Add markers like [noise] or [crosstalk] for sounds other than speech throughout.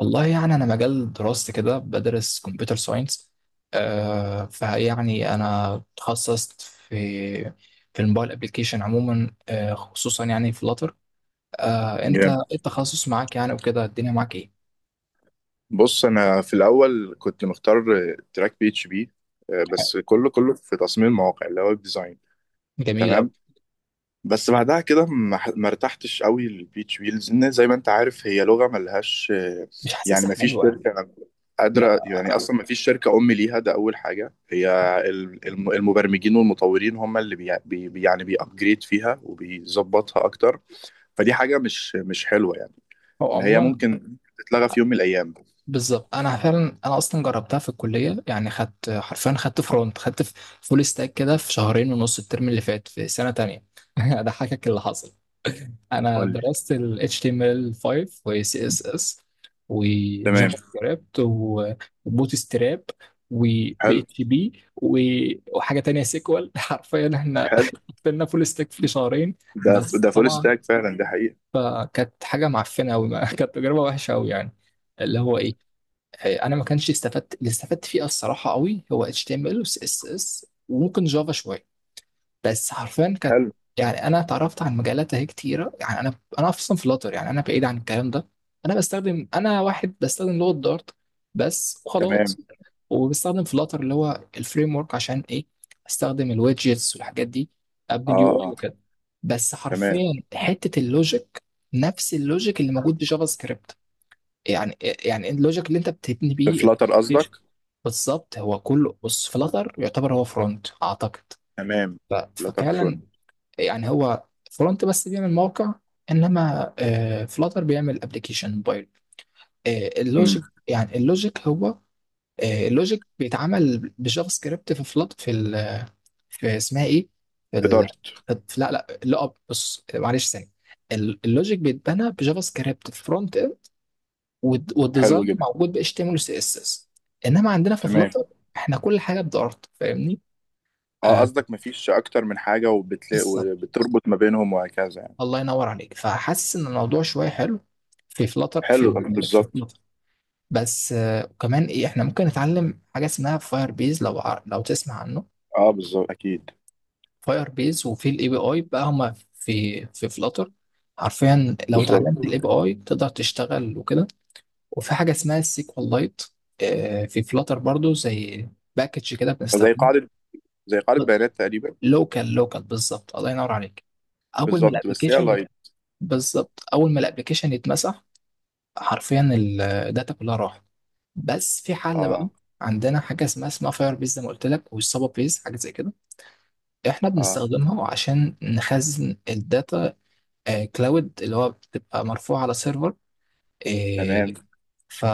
والله يعني أنا مجال دراستي كده بدرس كمبيوتر ساينس. آه فيعني أنا اتخصصت في الموبايل ابلكيشن عموما، آه، خصوصا يعني في لاتر. آه، أنت إيه جامد. التخصص معاك يعني وكده الدنيا معاك إيه؟ بص، انا في الاول كنت مختار تراك بي اتش بي، بس كله كله في تصميم المواقع اللي هو ويب ديزاين. جميلة أوي. تمام. بس بعدها كده ما ارتحتش قوي للبي اتش بي، لان زي ما انت عارف هي لغه ملهاش، مش يعني حاسسها ما فيش حلوة يعني. شركه قادره، ما- يعني اصلا ما فيش شركه ام ليها، ده اول حاجه. هي المبرمجين والمطورين هم اللي يعني بيأبجريد فيها وبيظبطها اكتر، فدي حاجه مش حلوه يعني، هو اللي هي عموما ممكن تتلغى في يوم من الايام. بالظبط. أنا فعلا أصلا جربتها في الكلية، يعني خدت حرفيا، خدت فرونت، خدت فول ستاك كده في شهرين ونص الترم اللي فات في سنة تانية. [laughs] أضحكك اللي حصل. انا قول لي. درست ال HTML5 و CSS و تمام. جافا سكريبت وبوت ستراب و حلو. PHP و- وحاجه تانية سيكوال. [laughs] حرفيا احنا حلو. قفلنا فول ستاك في شهرين، ده بس ده فول طبعا ستاك فعلا، ده حقيقة. فكانت حاجه معفنه قوي. [laughs] كانت تجربه وحشه قوي يعني. اللي هو ايه، انا ما كانش استفدت، اللي استفدت فيه الصراحه قوي هو HTML و CSS وممكن جافا شويه، بس حرفيا كانت حلو. يعني انا اتعرفت عن مجالات اهي كتيره. يعني انا اصلا فلاتر، يعني انا بعيد عن الكلام ده. انا واحد بستخدم لغه دارت بس تمام. وخلاص. وبستخدم فلاتر اللي هو الفريم ورك، عشان ايه؟ استخدم الويدجتس والحاجات دي، اه ابني اليو اي اه. وكده. بس تمام. حرفيا حته اللوجيك، نفس اللوجيك اللي موجود بجافا سكريبت. يعني يعني اللوجيك اللي انت بتبني في بيه فلاتر قصدك. بالظبط. هو كله بص، فلاتر يعتبر هو فرونت اعتقد. تمام. ف- فلاتر ففعلا. فرونت. يعني هو فرونت بس بيعمل موقع، انما فلاتر بيعمل ابلكيشن موبايل. آه، امم. اللوجيك يعني اللوجيك هو، آه، اللوجيك بيتعمل بجافا سكريبت في في اسمها ايه، في, في ال... دارت. في لا لا لا أب- بص، معلش ثاني. اللوجيك بيتبنى بجافا سكريبت في فرونت اند، والد- حلو والديزاين جدا. موجود ب HTML و CSS. انما عندنا في تمام. فلاتر احنا كل حاجه بدارت، فاهمني؟ اه، آه، قصدك مفيش اكتر من حاجة وبتلاقي وبتربط ما بينهم وهكذا يعني. الله ينور عليك. فحاسس ان الموضوع شويه حلو في فلاتر. حلو، في في بالظبط. فلاتر بس. آه، وكمان ايه، احنا ممكن نتعلم حاجه اسمها فاير بيز، لو لو تسمع عنه. اه بالظبط، اكيد. فاير بيز، وفي الاي بي اي بقى، هما في فلاتر. حرفيا لو بالظبط. اتعلمت الاي بي اي تقدر تشتغل وكده. وفي حاجه اسمها السيكوال لايت في فلاتر برضو، زي باكج كده زي بنستخدمه. قاعدة زي قاعدة بيانات تقريبا. لوكال، بالظبط، الله ينور عليك. اول ما بالظبط، بس هي الابلكيشن، لايت. بالظبط، اول ما الابلكيشن يتمسح حرفيا الداتا كلها راحت. بس في حل بقى. اه. عندنا حاجه اسمها فاير بيز زي ما قلت لك، والسابا بيز حاجه زي كده، احنا اه. بنستخدمها عشان نخزن الداتا كلاود، اللي هو بتبقى مرفوعه على سيرفر. آه، تمام. ف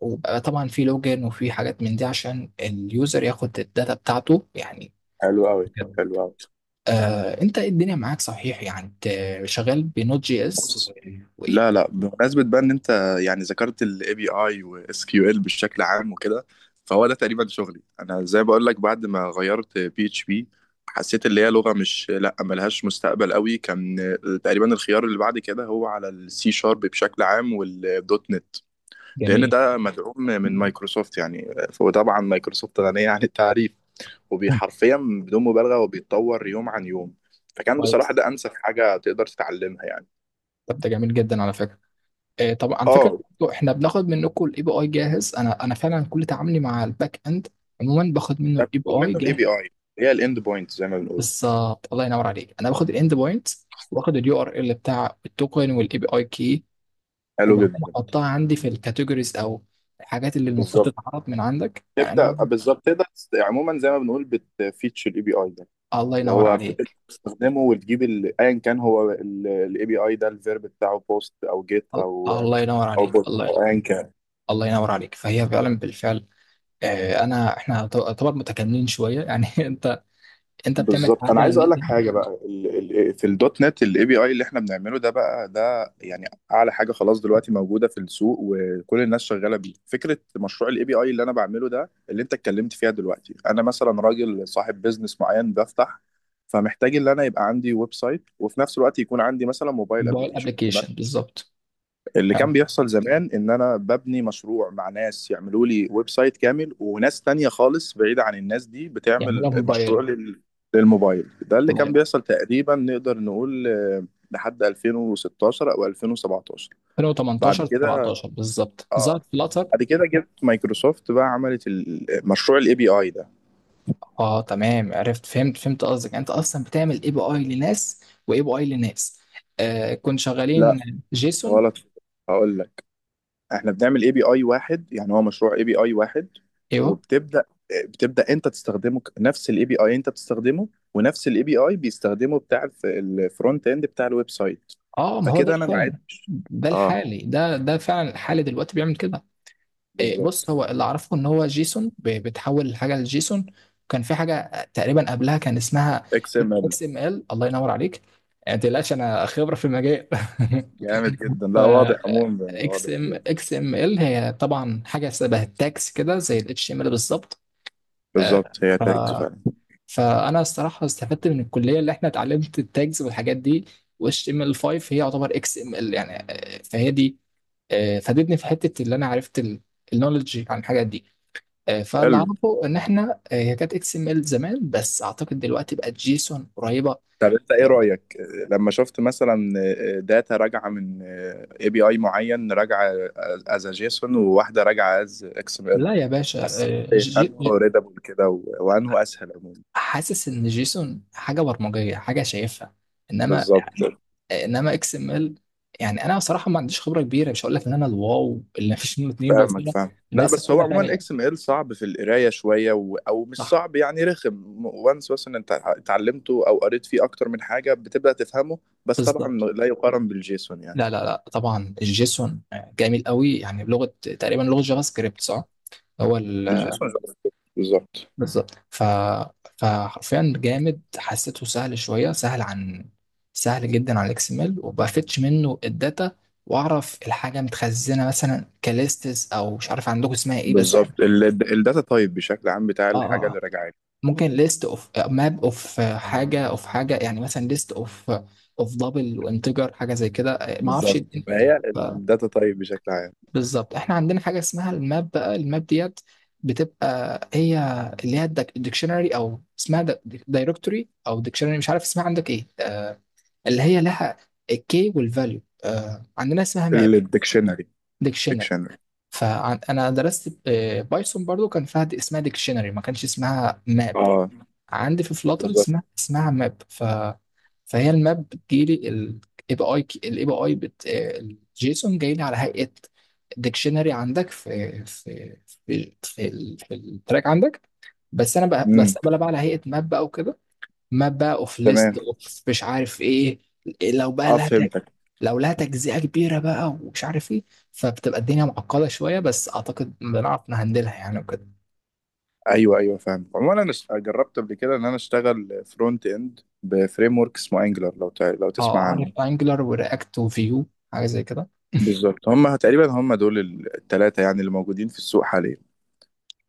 وبقى طبعا في لوجن وفي حاجات من دي عشان اليوزر ياخد الداتا بتاعته يعني. حلو قوي. كده. حلو آه، انت إيه الدنيا معاك صحيح يعني؟ انت شغال بنوت جي قوي. اس لا وايه؟ لا، بمناسبة بقى ان انت يعني ذكرت الاي بي اي واس كيو ال بشكل عام وكده، فهو ده تقريبا شغلي انا، زي بقول لك بعد ما غيرت بي اتش بي حسيت اللي هي لغة مش لا ملهاش مستقبل قوي. كان تقريبا الخيار اللي بعد كده هو على السي شارب بشكل عام والدوت نت، لان جميل. ده مدعوم من مايكروسوفت يعني، وطبعا مايكروسوفت غنية عن التعريف، مم. وبيحرفيا بدون مبالغة وبيتطور يوم عن يوم، فكان بصراحة كويس. ده انسب حاجة تقدر تتعلمها يعني. طب ده جميل جدا على فكره. آه، طب على فكره، اه. برضو احنا بناخد منكم الاي بي اي جاهز. انا فعلا كل تعاملي مع الباك اند عموما باخد منه ده الاي بي بتاخد اي منه الاي جاهز. بي اي، هي الاند بوينت زي ما بنقول. بالظبط، الله ينور عليك، انا باخد الاند بوينت واخد اليو ار ال بتاع التوكن والاي بي اي كي، حلو وبعدين جدا. احطها عندي في الكاتيجوريز او الحاجات اللي المفروض بالظبط. تتعرض من عندك يعني. تبدا بالظبط تقدر عموما زي ما بنقول بتفيتشر الاي بي اي ده، الله اللي ينور هو بتبدا عليك. تستخدمه وتجيب ايا كان هو الاي بي اي ده الفيرب بتاعه بوست او جيت ال- او، الله ينور او عليك بوت الله او ايا كان. الله ينور عليك. فهي فعلا بالفعل. آه، انا احنا طبعا متكاملين شويه يعني. [laughs] انت بتعمل بالظبط، انا حاجه عايز اقول لك حاجه بقى، في الدوت نت الاي بي اي اللي احنا بنعمله ده بقى ده يعني اعلى حاجه خلاص دلوقتي موجوده في السوق، وكل الناس شغاله بيه. فكره مشروع الاي بي اي اللي انا بعمله ده اللي انت اتكلمت فيها دلوقتي، انا مثلا راجل صاحب بيزنس معين بفتح، فمحتاج ان انا يبقى عندي ويب سايت وفي نفس الوقت يكون عندي مثلا موبايل للموبايل ابلكيشن. ابلكيشن بالظبط. اللي حلو. كان بيحصل زمان ان انا ببني مشروع مع ناس يعملوا لي ويب سايت كامل، وناس تانية خالص بعيدة عن الناس دي يعملها بتعمل مشروع موبايل. للموبايل. ده اللي الله كان ينور. بيحصل تقريبا نقدر نقول لحد 2016 او 2017. بعد 2018 كده. 17 بالظبط اه. ظهرت فلاتر. بعد كده جبت مايكروسوفت بقى، عملت مشروع الاي بي اي ده. اه تمام، عرفت، فهمت قصدك. انت اصلا بتعمل اي بي اي لناس واي بي اي لناس؟ آه، كنت لا. شغالين جيسون؟ غلط. هقول لك، احنا بنعمل اي بي اي واحد، يعني هو مشروع اي بي اي واحد. ايوه. وبتبدا انت تستخدمه، نفس الاي بي اي انت بتستخدمه، ونفس الاي بي اي بيستخدمه بتاع الفرونت اند بتاع الويب سايت. اه، ما هو ده فكده انا معايا. فعلا، ده اه. الحالي ده ده فعلا الحالي دلوقتي بيعمل كده. آه، بالظبط. بص، هو اللي اعرفه ان هو جيسون، بتحول الحاجه لجيسون. كان في حاجه تقريبا قبلها كان اسمها اكس ام ال. اكس ام ال. الله ينور عليك، ما تقلقش انا خبره في المجال. [laughs] جامد جدا، ف لا واضح، عموما اكس واضح ام جدا. اكس ام ال هي طبعا حاجه شبه التاكس كده، زي الاتش ام ال بالظبط. آه، بالظبط، هي ف تاجز فعلا. فانا الصراحه استفدت من الكليه، اللي احنا اتعلمت التاجز والحاجات دي، واتش ام ال 5 هي يعتبر اكس ام ال يعني. آه، فهي دي، آه، فادتني في حته اللي انا عرفت النولج عن الحاجات دي. آه، فاللي حلو، اعرفه ان احنا، آه، هي كانت اكس ام ال زمان، بس اعتقد دلوقتي بقت جيسون قريبه. طب انت ايه آه، رايك لما شفت مثلا داتا راجعه من اي بي اي معين، راجعه از جيسون وواحده راجعه از اكس ام ال، لا يا باشا. حسيت إيه؟ انه ريدابل كده وانه اسهل عموما. حاسس ان جيسون حاجه برمجيه حاجه شايفها. انما بالظبط. انما اكس ام ال، يعني انا بصراحه ما عنديش خبره كبيره، مش هقول لك ان انا الواو اللي مفيش منه اتنين، بس فاهمك، انا فاهم، أنا لا لسه في بس هو سنه عموما ثانيه. اكس ام ال صعب في القرايه شويه او مش صح، صعب يعني رخم، وانس مثلا انت اتعلمته او قريت فيه اكتر من حاجه بتبدا تفهمه. بس طبعا. بالظبط. لا يقارن بالجيسون يعني. لا لا لا، طبعا الجيسون جميل قوي، يعني بلغه تقريبا لغه جافا سكريبت صح؟ هو الجيسون. بالظبط. بالظبط. فحرفيا جامد، حسيته سهل شويه، سهل عن، سهل جدا على الاكس ام ال، وبفتش منه الداتا واعرف الحاجه متخزنه مثلا كليستس، او مش عارف عندكم اسمها ايه، بس بالظبط احنا، الداتا تايب بشكل عام بتاع اه الحاجه اه، اللي آه. راجعه لي. ممكن ليست اوف ماب اوف حاجه اوف حاجه، يعني مثلا ليست اوف، اوف دبل وانتجر، حاجه زي كده، ما اعرفش. بالظبط هي الداتا تايب بشكل عام. بالظبط. احنا عندنا حاجه اسمها الماب بقى، الماب ديت، بتبقى هي اللي هي الديكشنري، او اسمها دايركتوري او ديكشنري مش عارف اسمها عندك ايه. آه، اللي هي لها الكي والفاليو، آه عندنا اسمها ماب. الديكشنري. ديكشنري. ديكشنري. فانا درست آه بايثون برضو كان فيها اسمها ديكشنري، ما كانش اسمها ماب. اه. عندي في فلاتر بالظبط. اسمها ماب. فهي الماب بتجيلي الاي بي اي، الاي بي اي بت الجيسون جاي لي على هيئه ديكشنري عندك في التراك عندك. بس انا امم. بستقبلها بقى على هيئه ماب بقى وكده. ماب بقى اوف ليست تمام. اوف مش عارف ايه. لو بقى اه لها تج- فهمتك. لو لها تجزئه كبيره بقى ومش عارف ايه. فبتبقى الدنيا معقده شويه، بس اعتقد بنعرف نهندلها يعني وكده. ايوه ايوه، فاهم عموما. انا جربت قبل كده ان انا اشتغل فرونت اند بفريم ورك اسمه انجلر، لو تسمع اه، عارف عنه. انجلر ورياكت وفيو، حاجه زي كده. بالظبط، هم تقريبا هم دول الثلاثه يعني اللي موجودين في السوق حاليا.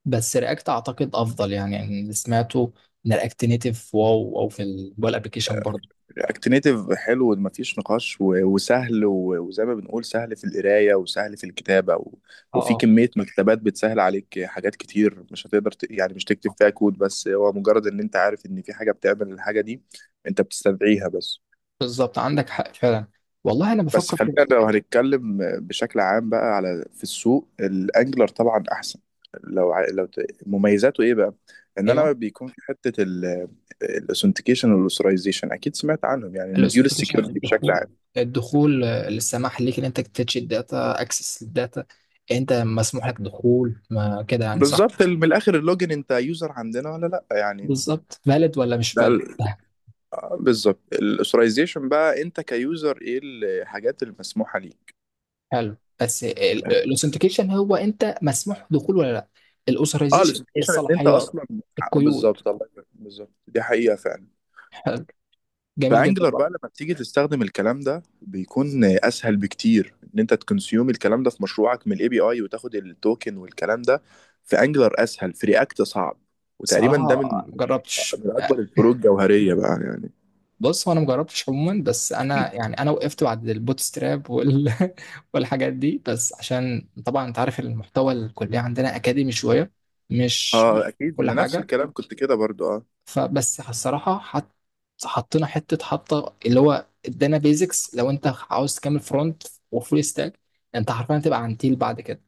بس رياكت اعتقد افضل، يعني اللي سمعته ان رياكت نيتف واو، او في الموبايل ابلكيشن برضه. اكتنيتيف حلو، مفيش نقاش، وسهل، وزي ما بنقول سهل في القرايه وسهل في الكتابه و، وفي اه كميه مكتبات بتسهل عليك حاجات كتير مش هتقدر يعني مش تكتب اه، فيها كود، بس هو مجرد ان انت عارف ان في حاجه بتعمل الحاجه دي، انت بتستدعيها بس. بالظبط، عندك حق فعلا. والله انا بس بفكر في، خلينا لو هنتكلم بشكل عام بقى على في السوق، الانجلر طبعا احسن. لو ع- لو ت- مميزاته ايه بقى؟ ان ايوه. انا بيكون في حته الاثنتيكيشن والاوثرايزيشن، اكيد سمعت عنهم، يعني مديول الاوثنتيكيشن السكيورتي بشكل الدخول، عام. الدخول، آه، السماح ليك ان انت تتش الداتا، اكسس الداتا. انت مسموح لك دخول ما كده يعني صح؟ بالظبط، من الاخر اللوجن انت يوزر عندنا ولا لا يعني. بالظبط. فالid ولا مش ده فالid. بالظبط. الاثورايزيشن بقى، انت كيوزر ايه الحاجات المسموحه ليك. [laughs] حلو. بس الاوثنتيكيشن هو انت مسموح دخول ولا لا. اه، الاوثرايزيشن الاثورايزيشن ان انت الصلاحيات، اصلا، القيود. بالظبط، الله يبارك، بالظبط دي حقيقه فعلا. حلو، جميل جدا. فانجلر بقى لما بتيجي تستخدم الكلام ده بيكون اسهل بكتير ان انت تكونسيوم الكلام ده في مشروعك من الاي بي اي وتاخد التوكن والكلام ده، في انجلر اسهل، في رياكت صعب. وتقريبا صراحة ده من ما جربتش من اكبر يعني. الفروق الجوهريه بقى يعني. بص، هو انا ما جربتش عموما، بس انا يعني انا وقفت بعد البوتستراب [laughs] والحاجات دي، بس عشان طبعا انت عارف المحتوى الكلية عندنا اكاديمي شوية، مش اه اكيد، كل أنا نفس حاجة. الكلام كنت كده برضو اه. فبس الصراحة حط... حطينا حتة اللي هو ادانا بيزكس، لو انت عاوز تكمل فرونت وفول ستاك انت حرفيا هتبقى عنتيل بعد كده.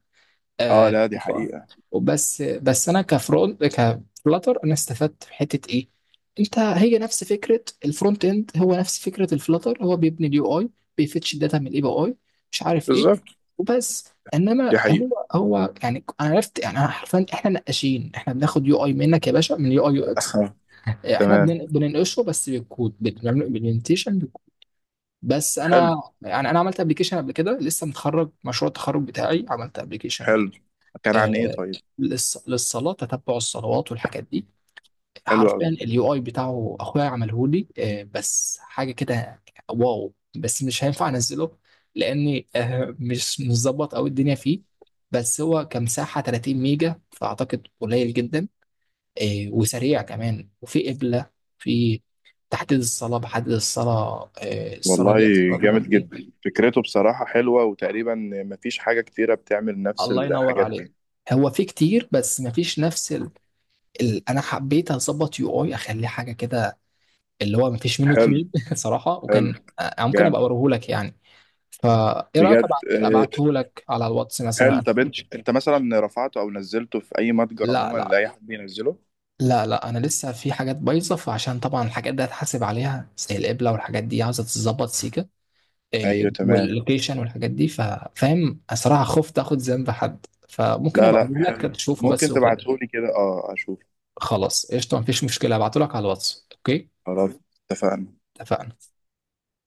اه آه. لا دي حقيقة. وبس انا كفرونت كفلاتر انا استفدت في حته ايه، انت هي نفس فكره الفرونت اند، هو نفس فكره الفلاتر، هو بيبني اليو اي، بيفتش الداتا من الاي بي اي، مش عارف ايه. بالظبط وبس. انما دي حقيقة. هو هو يعني انا عرفت، يعني أنا حرفيا احنا نقاشين، احنا بناخد يو اي منك يا باشا من يو اي يو اكس. [laughs] آه. تمام. بننقشه بس بالكود، بنعمل امبلمنتيشن بالكود. بس انا حلو. يعني انا عملت ابلكيشن قبل كده لسه متخرج، مشروع التخرج بتاعي عملت ابلكيشن، حلو. كان عن ايه آه، طيب؟ للصلاه، تتبع الصلوات والحاجات دي. حلو حرفيا قوي. اليو اي بتاعه اخويا عمله لي، آه، بس حاجه كده واو، بس مش هينفع انزله، لاني آه، مش مظبط قوي الدنيا فيه. بس هو كمساحه 30 ميجا، فاعتقد قليل جدا. آه، وسريع كمان، وفي قبله، في تحديد الصلاه، بحدد الصلاه، آه، الصلاه والله دي صلاتها جامد قد ايه. جدا، فكرته بصراحة حلوة، وتقريبا مفيش حاجة كتيرة بتعمل نفس الله ينور الحاجات عليك. دي. هو في كتير، بس مفيش نفس انا حبيت اظبط يو اي اخليه حاجه كده، اللي هو مفيش منه حلو. اتنين. [laughs] صراحه. حلو. وكان آه، ممكن جامد. ابقى اوريه لك يعني. فايه رايك بجد، ابعت، ابعته لك على الواتس حلو. مثلا؟ طب انت مثلا رفعته او نزلته في اي متجر لا عموما لا لاي حد ينزله؟ لا لا انا لسه في حاجات بايظه، فعشان طبعا الحاجات دي هتحاسب عليها، زي القبله والحاجات دي عاوزه تتظبط سيكه، إيه ايوه تمام. واللوكيشن والحاجات دي، فاهم الصراحه خفت اخد ذنب حد، فممكن لا ابقى لا اقول لك حلو. تشوفه بس ممكن وكده. تبعتهولي كده، اه اشوف. خلاص قشطه، مفيش مشكله، ابعته لك على الواتس. اوكي. خلاص. اتفقنا. اتفقنا.